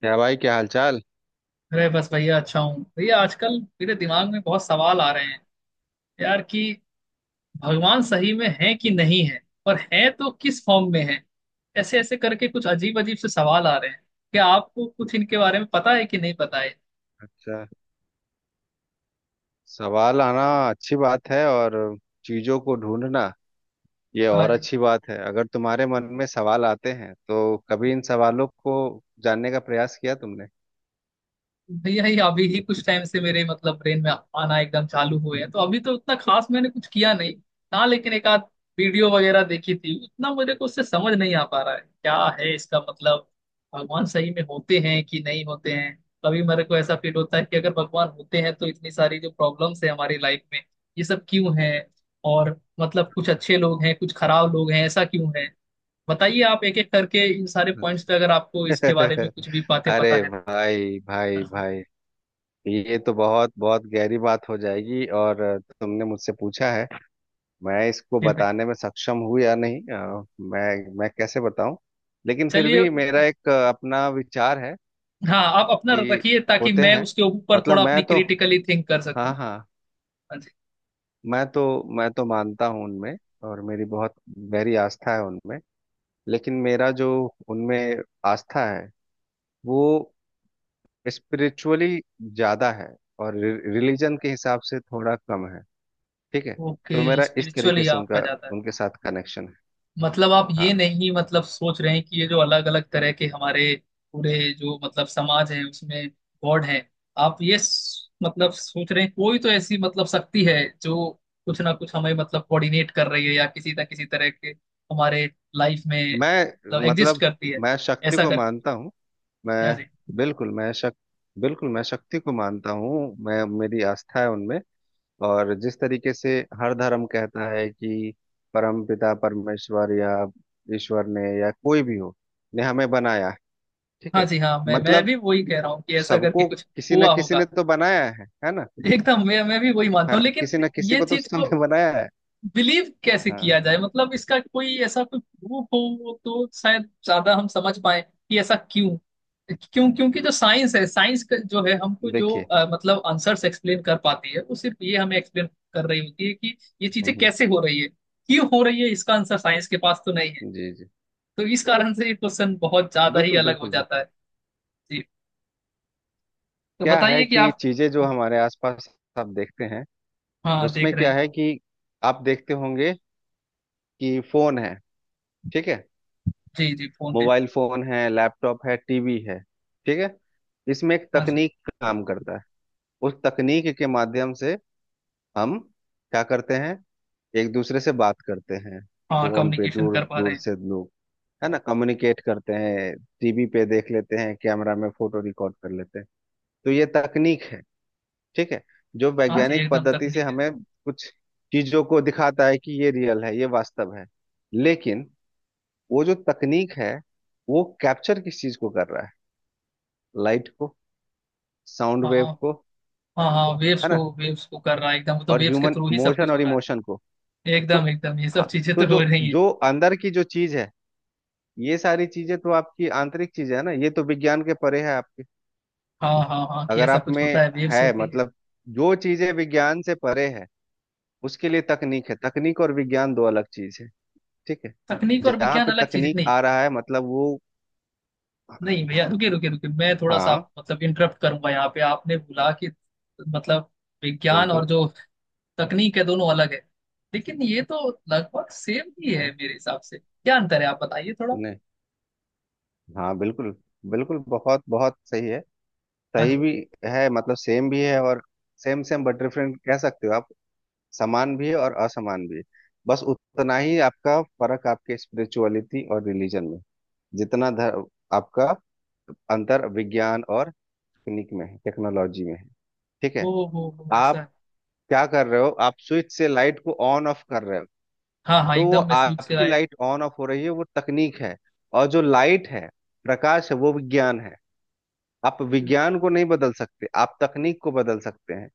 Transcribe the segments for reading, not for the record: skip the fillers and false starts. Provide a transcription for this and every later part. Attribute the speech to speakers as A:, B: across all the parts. A: क्या भाई, क्या हालचाल।
B: अरे बस भैया अच्छा हूँ भैया। आजकल मेरे दिमाग में बहुत सवाल आ रहे हैं यार कि भगवान सही में है कि नहीं है। और है तो किस फॉर्म में है। ऐसे ऐसे करके कुछ अजीब अजीब से सवाल आ रहे हैं। क्या आपको कुछ इनके बारे में पता है कि नहीं पता है।
A: अच्छा, सवाल आना अच्छी बात है, और चीजों को ढूंढना ये और
B: हाँ,
A: अच्छी बात है। अगर तुम्हारे मन में सवाल आते हैं तो कभी इन सवालों को जानने का प्रयास किया तुमने?
B: भैया ये अभी ही कुछ टाइम से मेरे मतलब ब्रेन में आना एकदम चालू हुए हैं तो अभी तो उतना खास मैंने कुछ किया नहीं। हाँ, लेकिन एक आध वीडियो वगैरह देखी थी। उतना मुझे को उससे समझ नहीं आ पा रहा है क्या है इसका मतलब। भगवान सही में होते हैं कि नहीं होते हैं। कभी मेरे को ऐसा फील होता है कि अगर भगवान होते हैं तो इतनी सारी जो प्रॉब्लम्स है हमारी लाइफ में, ये सब क्यों है। और मतलब कुछ अच्छे लोग हैं कुछ खराब लोग हैं, ऐसा क्यों है। बताइए आप एक एक करके इन सारे पॉइंट्स पे,
A: अच्छा।
B: अगर आपको इसके बारे में कुछ भी बातें पता
A: अरे
B: है
A: भाई,
B: तो।
A: भाई, भाई, ये तो बहुत बहुत गहरी बात हो जाएगी। और तुमने मुझसे पूछा है, मैं इसको बताने में सक्षम हूँ या नहीं, मैं कैसे बताऊं? लेकिन फिर
B: चलिए।
A: भी मेरा एक अपना विचार है
B: हाँ आप अपना
A: कि
B: रखिए ताकि
A: होते
B: मैं
A: हैं।
B: उसके ऊपर
A: मतलब
B: थोड़ा
A: मैं
B: अपनी
A: तो,
B: क्रिटिकली थिंक कर सकूं।
A: हाँ हाँ,
B: हाँ जी।
A: मैं तो मानता हूँ उनमें, और मेरी बहुत गहरी आस्था है उनमें। लेकिन मेरा जो उनमें आस्था है वो स्पिरिचुअली ज्यादा है, और रिलीजन के हिसाब से थोड़ा कम है। ठीक है।
B: ओके,
A: तो मेरा इस तरीके
B: स्पिरिचुअली
A: से
B: आपका
A: उनका
B: जाता है।
A: उनके साथ कनेक्शन है।
B: मतलब आप
A: हाँ।
B: ये नहीं मतलब सोच रहे हैं कि ये जो अलग अलग तरह के हमारे पूरे जो मतलब समाज है उसमें गॉड है। आप ये मतलब सोच रहे हैं कोई तो ऐसी मतलब शक्ति है जो कुछ ना कुछ हमें मतलब कोऑर्डिनेट कर रही है या किसी ना किसी तरह के हमारे लाइफ में
A: मैं
B: मतलब एग्जिस्ट
A: मतलब
B: करती है।
A: मैं शक्ति
B: ऐसा
A: को मानता हूँ। मैं
B: कर।
A: बिल्कुल मैं शक बिल्कुल मैं शक्ति को मानता हूँ, मैं मेरी आस्था है उनमें। और जिस तरीके से हर धर्म कहता है कि परमपिता परमेश्वर या ईश्वर ने या कोई भी हो, ने हमें बनाया है। ठीक
B: हाँ
A: है।
B: जी। हाँ, मैं
A: मतलब
B: भी वही कह रहा हूँ कि ऐसा करके
A: सबको
B: कुछ
A: किसी न
B: हुआ
A: किसी
B: होगा।
A: ने तो बनाया है ना।
B: एकदम मैं भी वही मानता
A: हाँ,
B: हूँ, लेकिन
A: किसी न किसी
B: ये
A: को तो
B: चीज को
A: सबने बनाया है।
B: बिलीव कैसे किया
A: हाँ।
B: जाए? मतलब इसका कोई ऐसा कोई प्रूफ हो तो शायद ज्यादा हम समझ पाए कि ऐसा क्यों क्यों। क्योंकि जो साइंस है, साइंस का जो है हमको जो
A: देखिए,
B: मतलब आंसर्स एक्सप्लेन कर पाती है, वो सिर्फ ये हमें एक्सप्लेन कर रही होती है कि ये
A: हम्म,
B: चीजें
A: हम्म,
B: कैसे हो रही है क्यों हो रही है। इसका आंसर साइंस के पास तो नहीं है।
A: जी जी,
B: तो इस कारण से ये क्वेश्चन बहुत ज्यादा ही
A: बिल्कुल
B: अलग हो
A: बिल्कुल
B: जाता
A: बिल्कुल।
B: है। जी। तो
A: क्या है
B: बताइए कि
A: कि
B: आप।
A: चीजें जो हमारे आसपास आप देखते हैं,
B: हाँ
A: उसमें
B: देख रहे
A: क्या
B: हैं।
A: है कि आप देखते होंगे कि फोन है। ठीक है।
B: जी जी फोन है।
A: मोबाइल फोन है, लैपटॉप है, टीवी है। ठीक है। इसमें एक
B: हाँ जी
A: तकनीक काम करता है। उस तकनीक के माध्यम से हम क्या करते हैं, एक दूसरे से बात करते हैं।
B: हाँ,
A: फोन पे
B: कम्युनिकेशन
A: दूर
B: कर पा रहे
A: दूर
B: हैं।
A: से लोग, है ना, कम्युनिकेट करते हैं, टीवी पे देख लेते हैं, कैमरा में फोटो रिकॉर्ड कर लेते हैं। तो ये तकनीक है। ठीक है। जो
B: हाँ जी
A: वैज्ञानिक
B: एकदम
A: पद्धति से
B: तकनीक है।
A: हमें कुछ चीजों को दिखाता है कि ये रियल है, ये वास्तव है। लेकिन वो जो तकनीक है, वो कैप्चर किस चीज को कर रहा है? लाइट को, साउंड
B: हाँ
A: वेव को,
B: हाँ हाँ,
A: है ना,
B: वेव्स को कर रहा है एकदम। तो
A: और
B: वेव्स के
A: ह्यूमन
B: थ्रू ही सब
A: मोशन
B: कुछ
A: और
B: हो रहा
A: इमोशन
B: है।
A: को। तो
B: एकदम एकदम, ये सब
A: हाँ,
B: चीजें
A: तो
B: तो हो
A: जो
B: रही हैं।
A: जो अंदर की जो चीज है, ये सारी चीजें तो आपकी आंतरिक चीजें है ना, ये तो विज्ञान के परे है आपके।
B: हाँ हाँ हाँ, कि ये
A: अगर
B: सब
A: आप
B: कुछ
A: में
B: होता है वेव्स
A: है,
B: होती है।
A: मतलब जो चीजें विज्ञान से परे है उसके लिए तकनीक है। तकनीक और विज्ञान दो अलग चीज है। ठीक है।
B: तकनीक और
A: जहाँ
B: विज्ञान
A: पे
B: अलग चीजें
A: तकनीक
B: नहीं।
A: आ रहा है, मतलब वो,
B: नहीं भैया, रुके रुके रुके, मैं थोड़ा सा आप
A: हाँ
B: मतलब इंटरप्ट करूंगा यहाँ पे। आपने बोला कि मतलब विज्ञान
A: बिल्कुल।
B: और जो तकनीक है दोनों अलग है। लेकिन ये तो लगभग सेम ही है
A: हम्म,
B: मेरे हिसाब से। क्या अंतर है आप बताइए थोड़ा।
A: नहीं, हाँ बिल्कुल बिल्कुल, बहुत बहुत सही है।
B: हाँ
A: सही
B: जी।
A: भी है, मतलब सेम भी है, और सेम सेम बट डिफरेंट कह सकते हो आप। समान भी है और असमान भी है। बस उतना ही आपका फर्क आपके स्पिरिचुअलिटी और रिलीजन में, जितना धर, आपका अंतर विज्ञान और तकनीक में है, टेक्नोलॉजी में है। ठीक
B: ओ
A: है।
B: हो, ऐसा
A: आप
B: है।
A: क्या कर रहे हो, आप स्विच से लाइट को ऑन ऑफ कर रहे हो।
B: हाँ हाँ
A: तो वो
B: एकदम, मैं स्विच से
A: आपकी
B: आया।
A: लाइट ऑन ऑफ हो रही है, वो तकनीक है। और जो लाइट है, प्रकाश है, वो विज्ञान है। आप विज्ञान को नहीं बदल सकते, आप तकनीक को बदल सकते हैं।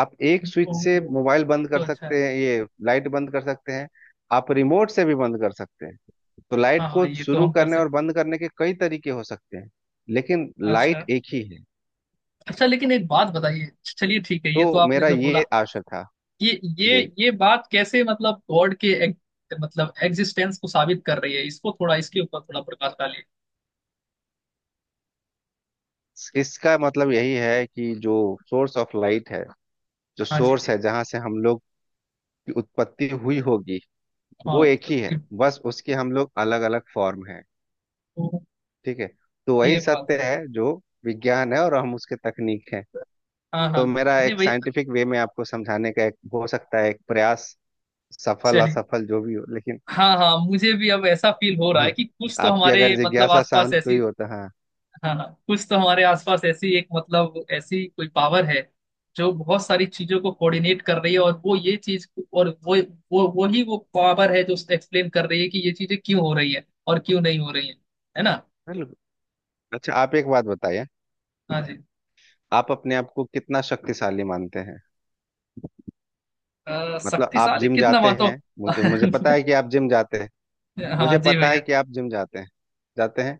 A: आप एक
B: ओ
A: स्विच से
B: हो,
A: मोबाइल
B: ये
A: बंद
B: तो
A: कर
B: अच्छा है।
A: सकते हैं, ये लाइट बंद कर सकते हैं। आप रिमोट से भी बंद कर सकते हैं। तो
B: हाँ
A: लाइट को
B: हाँ, ये तो
A: शुरू
B: हम कर
A: करने और
B: सकते।
A: बंद करने के कई तरीके हो सकते हैं, लेकिन लाइट
B: अच्छा
A: एक ही है।
B: अच्छा, लेकिन एक बात बताइए। चलिए ठीक है, ये तो
A: तो
B: आपने
A: मेरा
B: जो बोला,
A: ये आशय था,
B: ये ये
A: जी।
B: ये बात कैसे मतलब गॉड के एक, मतलब एग्जिस्टेंस को साबित कर रही है? इसको थोड़ा इसके ऊपर थोड़ा प्रकाश डालिए।
A: इसका मतलब यही है कि जो सोर्स ऑफ लाइट है, जो
B: हाँ जी
A: सोर्स
B: जी।
A: है जहां से हम लोग की उत्पत्ति हुई होगी,
B: हाँ
A: वो एक ही
B: उत्पत्ति।
A: है। बस उसके हम लोग अलग अलग फॉर्म है।
B: तो
A: ठीक है। तो
B: ये
A: वही
B: बात
A: सत्य
B: है।
A: है जो विज्ञान है, और हम उसके तकनीक है।
B: हाँ हाँ।
A: तो मेरा
B: नहीं
A: एक
B: भैया।
A: साइंटिफिक वे में आपको समझाने का एक हो सकता है एक प्रयास, सफल
B: चलिए।
A: असफल जो भी हो, लेकिन
B: हाँ हाँ, मुझे भी अब ऐसा फील हो रहा है कि कुछ तो
A: आपकी
B: हमारे
A: अगर
B: मतलब
A: जिज्ञासा
B: आसपास
A: शांत
B: ऐसी।
A: हुई हो तो, हाँ
B: हाँ हाँ। कुछ तो हमारे आसपास ऐसी एक मतलब ऐसी कोई पावर है जो बहुत सारी चीजों को कोऑर्डिनेट कर रही है। और वो और वो वही वो पावर है जो एक्सप्लेन कर रही है कि ये चीजें क्यों हो रही है और क्यों नहीं हो रही है। है ना।
A: बिल्कुल। अच्छा, आप एक बात बताइए,
B: हाँ जी।
A: आप अपने आप को कितना शक्तिशाली मानते हैं? मतलब आप
B: शक्तिशाली
A: जिम
B: कितना
A: जाते
B: मातो।
A: हैं, मुझे मुझे
B: हाँ
A: पता है कि आप जिम जाते हैं। मुझे
B: जी
A: पता है
B: भैया।
A: कि आप जिम जाते हैं, जाते हैं।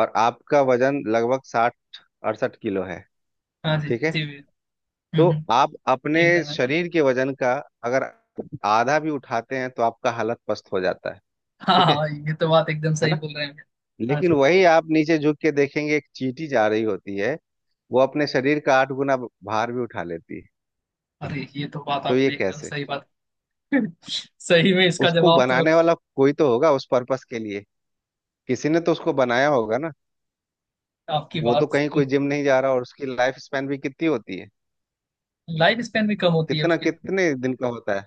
A: और आपका वजन लगभग साठ, अड़सठ किलो है।
B: हाँ जी
A: ठीक है।
B: जी भैया।
A: तो
B: हम्म, हम्म,
A: आप अपने
B: एकदम है।
A: शरीर के वजन का अगर आधा भी उठाते हैं तो आपका हालत पस्त हो जाता है।
B: हाँ
A: ठीक
B: हाँ
A: है
B: हाँ, ये तो बात एकदम
A: है
B: सही
A: ना।
B: बोल रहे हैं भैया। हाँ
A: लेकिन
B: जी।
A: वही आप नीचे झुक के देखेंगे, एक चींटी जा रही होती है, वो अपने शरीर का आठ गुना भार भी उठा लेती है।
B: अरे ये तो बात
A: तो ये
B: आपने एकदम
A: कैसे?
B: सही बात। सही में इसका
A: उसको
B: जवाब तो।
A: बनाने वाला कोई तो होगा उस पर्पस के लिए। किसी ने तो उसको बनाया होगा ना।
B: आपकी
A: वो तो
B: बात।
A: कहीं कोई जिम नहीं जा रहा, और उसकी लाइफ स्पैन भी कितनी होती है?
B: लाइफ स्पैन भी कम होती है
A: कितना,
B: उसकी तो।
A: कितने दिन का होता है,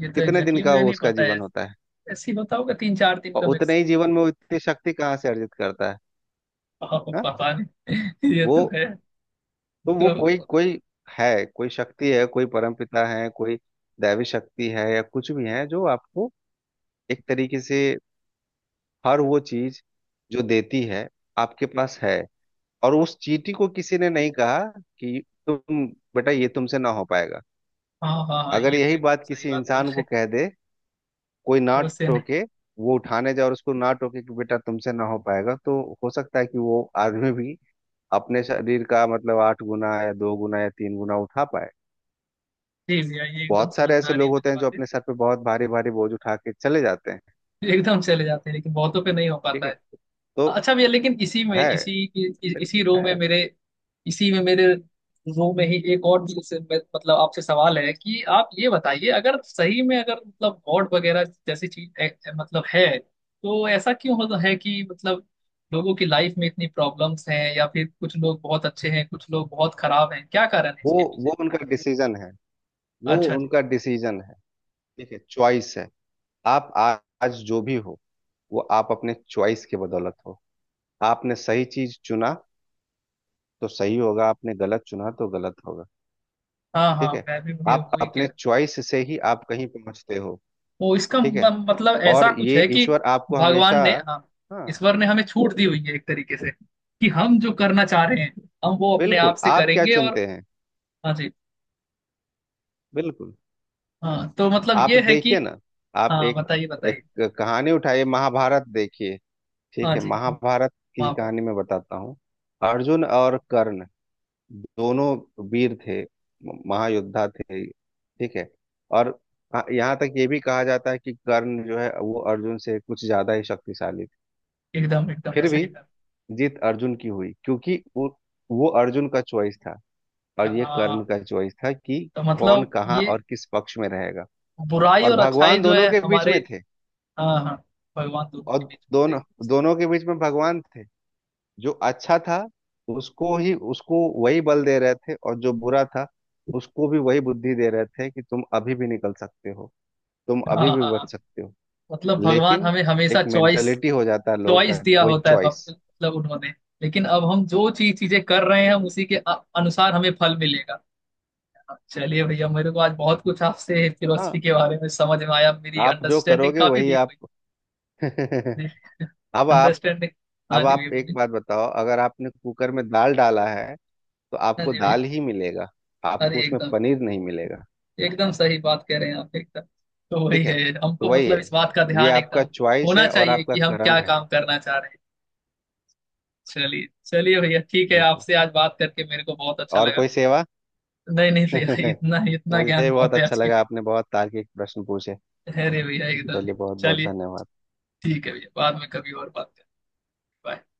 B: ये तो
A: कितने दिन
B: एग्जैक्टली। exactly
A: का
B: मुझे
A: वो
B: नहीं
A: उसका
B: पता
A: जीवन
B: है।
A: होता है?
B: ऐसी होता होगा 3-4 दिन
A: और
B: का
A: उतने ही
B: मैक्सिमम।
A: जीवन में वो इतनी शक्ति कहाँ से अर्जित करता है?
B: हाँ।
A: हा?
B: पता नहीं। ये
A: वो,
B: तो है।
A: तो
B: तो।
A: वो कोई कोई है, कोई शक्ति है, कोई परमपिता है, कोई दैवी शक्ति है, या कुछ भी है, जो आपको एक तरीके से हर वो चीज जो देती है, आपके पास है। और उस चींटी को किसी ने नहीं कहा कि तुम, बेटा ये तुमसे ना हो पाएगा।
B: हाँ हाँ हाँ,
A: अगर
B: ये तो
A: यही
B: एकदम
A: बात
B: सही
A: किसी
B: बात बोल
A: इंसान
B: रहे
A: को
B: हैं।
A: कह दे, कोई ना
B: तो उससे नहीं।
A: टोके, वो उठाने जाए और उसको ना टोके कि बेटा तुमसे ना हो पाएगा, तो हो सकता है कि वो आदमी भी अपने शरीर का मतलब आठ गुना या दो गुना या तीन गुना उठा पाए।
B: जी भैया, ये एकदम
A: बहुत
B: समझ
A: सारे
B: में
A: ऐसे
B: आ रही
A: लोग
B: है
A: होते
B: मुझे
A: हैं जो
B: बातें।
A: अपने सर पे बहुत भारी भारी बोझ उठा के चले जाते हैं।
B: एकदम चले जाते हैं, लेकिन बहुतों पे नहीं हो
A: ठीक
B: पाता
A: है।
B: है।
A: तो
B: अच्छा भैया, लेकिन इसी में
A: है,
B: इसी इसी
A: बिल्कुल
B: रो में
A: है।
B: मेरे। इसी में मेरे रो में ही एक और भी, जैसे मतलब आपसे सवाल है कि आप ये बताइए, अगर सही में अगर मतलब गॉड वगैरह जैसी चीज मतलब है, तो ऐसा क्यों होता है कि मतलब लोगों की लाइफ में इतनी प्रॉब्लम्स हैं या फिर कुछ लोग बहुत अच्छे हैं कुछ लोग बहुत खराब हैं? क्या कारण है
A: वो
B: इसके पीछे?
A: वो उनका डिसीजन है, वो
B: अच्छा जी।
A: उनका डिसीजन है। ठीक है, चॉइस है। आप आ- आज जो भी हो, वो आप अपने चॉइस के बदौलत हो। आपने सही चीज चुना तो सही होगा, आपने गलत चुना तो गलत होगा।
B: हाँ
A: ठीक
B: हाँ,
A: है।
B: मैं भी मुझे
A: आप
B: वही कह
A: अपने
B: रहा।
A: चॉइस से ही आप कहीं पहुंचते हो।
B: वो इसका
A: ठीक है।
B: मतलब ऐसा
A: और
B: कुछ
A: ये
B: है कि
A: ईश्वर आपको
B: भगवान
A: हमेशा,
B: ने, हाँ,
A: हाँ
B: ईश्वर ने हमें छूट दी हुई है एक तरीके से, कि हम जो करना चाह रहे हैं हम वो अपने आप
A: बिल्कुल,
B: से
A: आप क्या
B: करेंगे और।
A: चुनते हैं,
B: हाँ जी।
A: बिल्कुल।
B: हाँ तो मतलब
A: आप
B: ये है कि।
A: देखिए ना, आप
B: हाँ
A: एक
B: बताइए
A: एक
B: बताइए।
A: कहानी उठाइए, महाभारत देखिए। ठीक
B: हाँ
A: है,
B: जी।
A: महाभारत की
B: माफ है।
A: कहानी मैं बताता हूँ। अर्जुन और कर्ण दोनों वीर थे, महायोद्धा थे। ठीक है। और यहाँ तक ये भी कहा जाता है कि कर्ण जो है वो अर्जुन से कुछ ज्यादा ही शक्तिशाली थे।
B: एकदम एकदम
A: फिर
B: ऐसा
A: भी
B: ही था।
A: जीत अर्जुन की हुई, क्योंकि वो अर्जुन का चॉइस था, और ये कर्ण
B: हाँ
A: का चॉइस था कि
B: तो
A: कौन
B: मतलब
A: कहाँ
B: ये
A: और किस पक्ष में रहेगा।
B: बुराई
A: और
B: और अच्छाई
A: भगवान
B: जो
A: दोनों
B: है
A: के बीच
B: हमारे।
A: में थे।
B: हाँ हाँ। भगवान दोनों
A: और
B: के बीच में
A: दोनों
B: थे। सही।
A: दोनों के बीच में भगवान थे। जो अच्छा था उसको वही बल दे रहे थे, और जो बुरा था उसको भी वही बुद्धि दे रहे थे कि तुम अभी भी निकल सकते हो, तुम
B: हाँ
A: अभी भी
B: हाँ
A: बच
B: हाँ,
A: सकते हो।
B: मतलब भगवान
A: लेकिन
B: हमें हमेशा
A: एक
B: चॉइस,
A: मेंटेलिटी हो जाता है लोगों
B: चॉइस
A: का,
B: दिया
A: वही
B: होता है
A: चॉइस।
B: मतलब उन्होंने। लेकिन अब हम जो चीजें कर रहे हैं हम उसी के अनुसार हमें फल मिलेगा। चलिए भैया, मेरे को आज बहुत कुछ आपसे फिलोसफी
A: हाँ,
B: के बारे में समझ में आया। मेरी
A: आप जो
B: अंडरस्टैंडिंग
A: करोगे
B: काफी
A: वही
B: डीप
A: आप।
B: हुई। जी।
A: अब आप
B: अंडरस्टैंडिंग। हाँ
A: अब
B: जी भैया
A: आप एक
B: बोलिए।
A: बात बताओ, अगर आपने कुकर में दाल डाला है तो
B: हाँ
A: आपको
B: जी भैया।
A: दाल ही मिलेगा, आपको
B: अरे
A: उसमें
B: एकदम
A: पनीर नहीं मिलेगा।
B: एकदम सही बात कह रहे हैं आप एकदम। तो वही
A: ठीक है।
B: है।
A: तो
B: हमको
A: वही
B: मतलब
A: है,
B: इस बात का
A: ये
B: ध्यान
A: आपका
B: एकदम
A: चॉइस
B: होना
A: है और
B: चाहिए
A: आपका
B: कि हम क्या
A: कर्म है।
B: काम करना चाह रहे हैं। चलिए चलिए भैया, ठीक है,
A: बिल्कुल।
B: आपसे आज बात करके मेरे को बहुत अच्छा
A: और
B: लगा।
A: कोई सेवा?
B: नहीं नहीं भैया, इतना इतना ज्ञान
A: मुझे बहुत
B: बहुत है
A: अच्छा
B: आज की।
A: लगा, आपने बहुत तार्किक प्रश्न पूछे।
B: अरे भैया एकदम।
A: चलिए, बहुत बहुत
B: चलिए।
A: धन्यवाद।
B: ठीक है भैया, बाद में कभी और बात करें। Bye.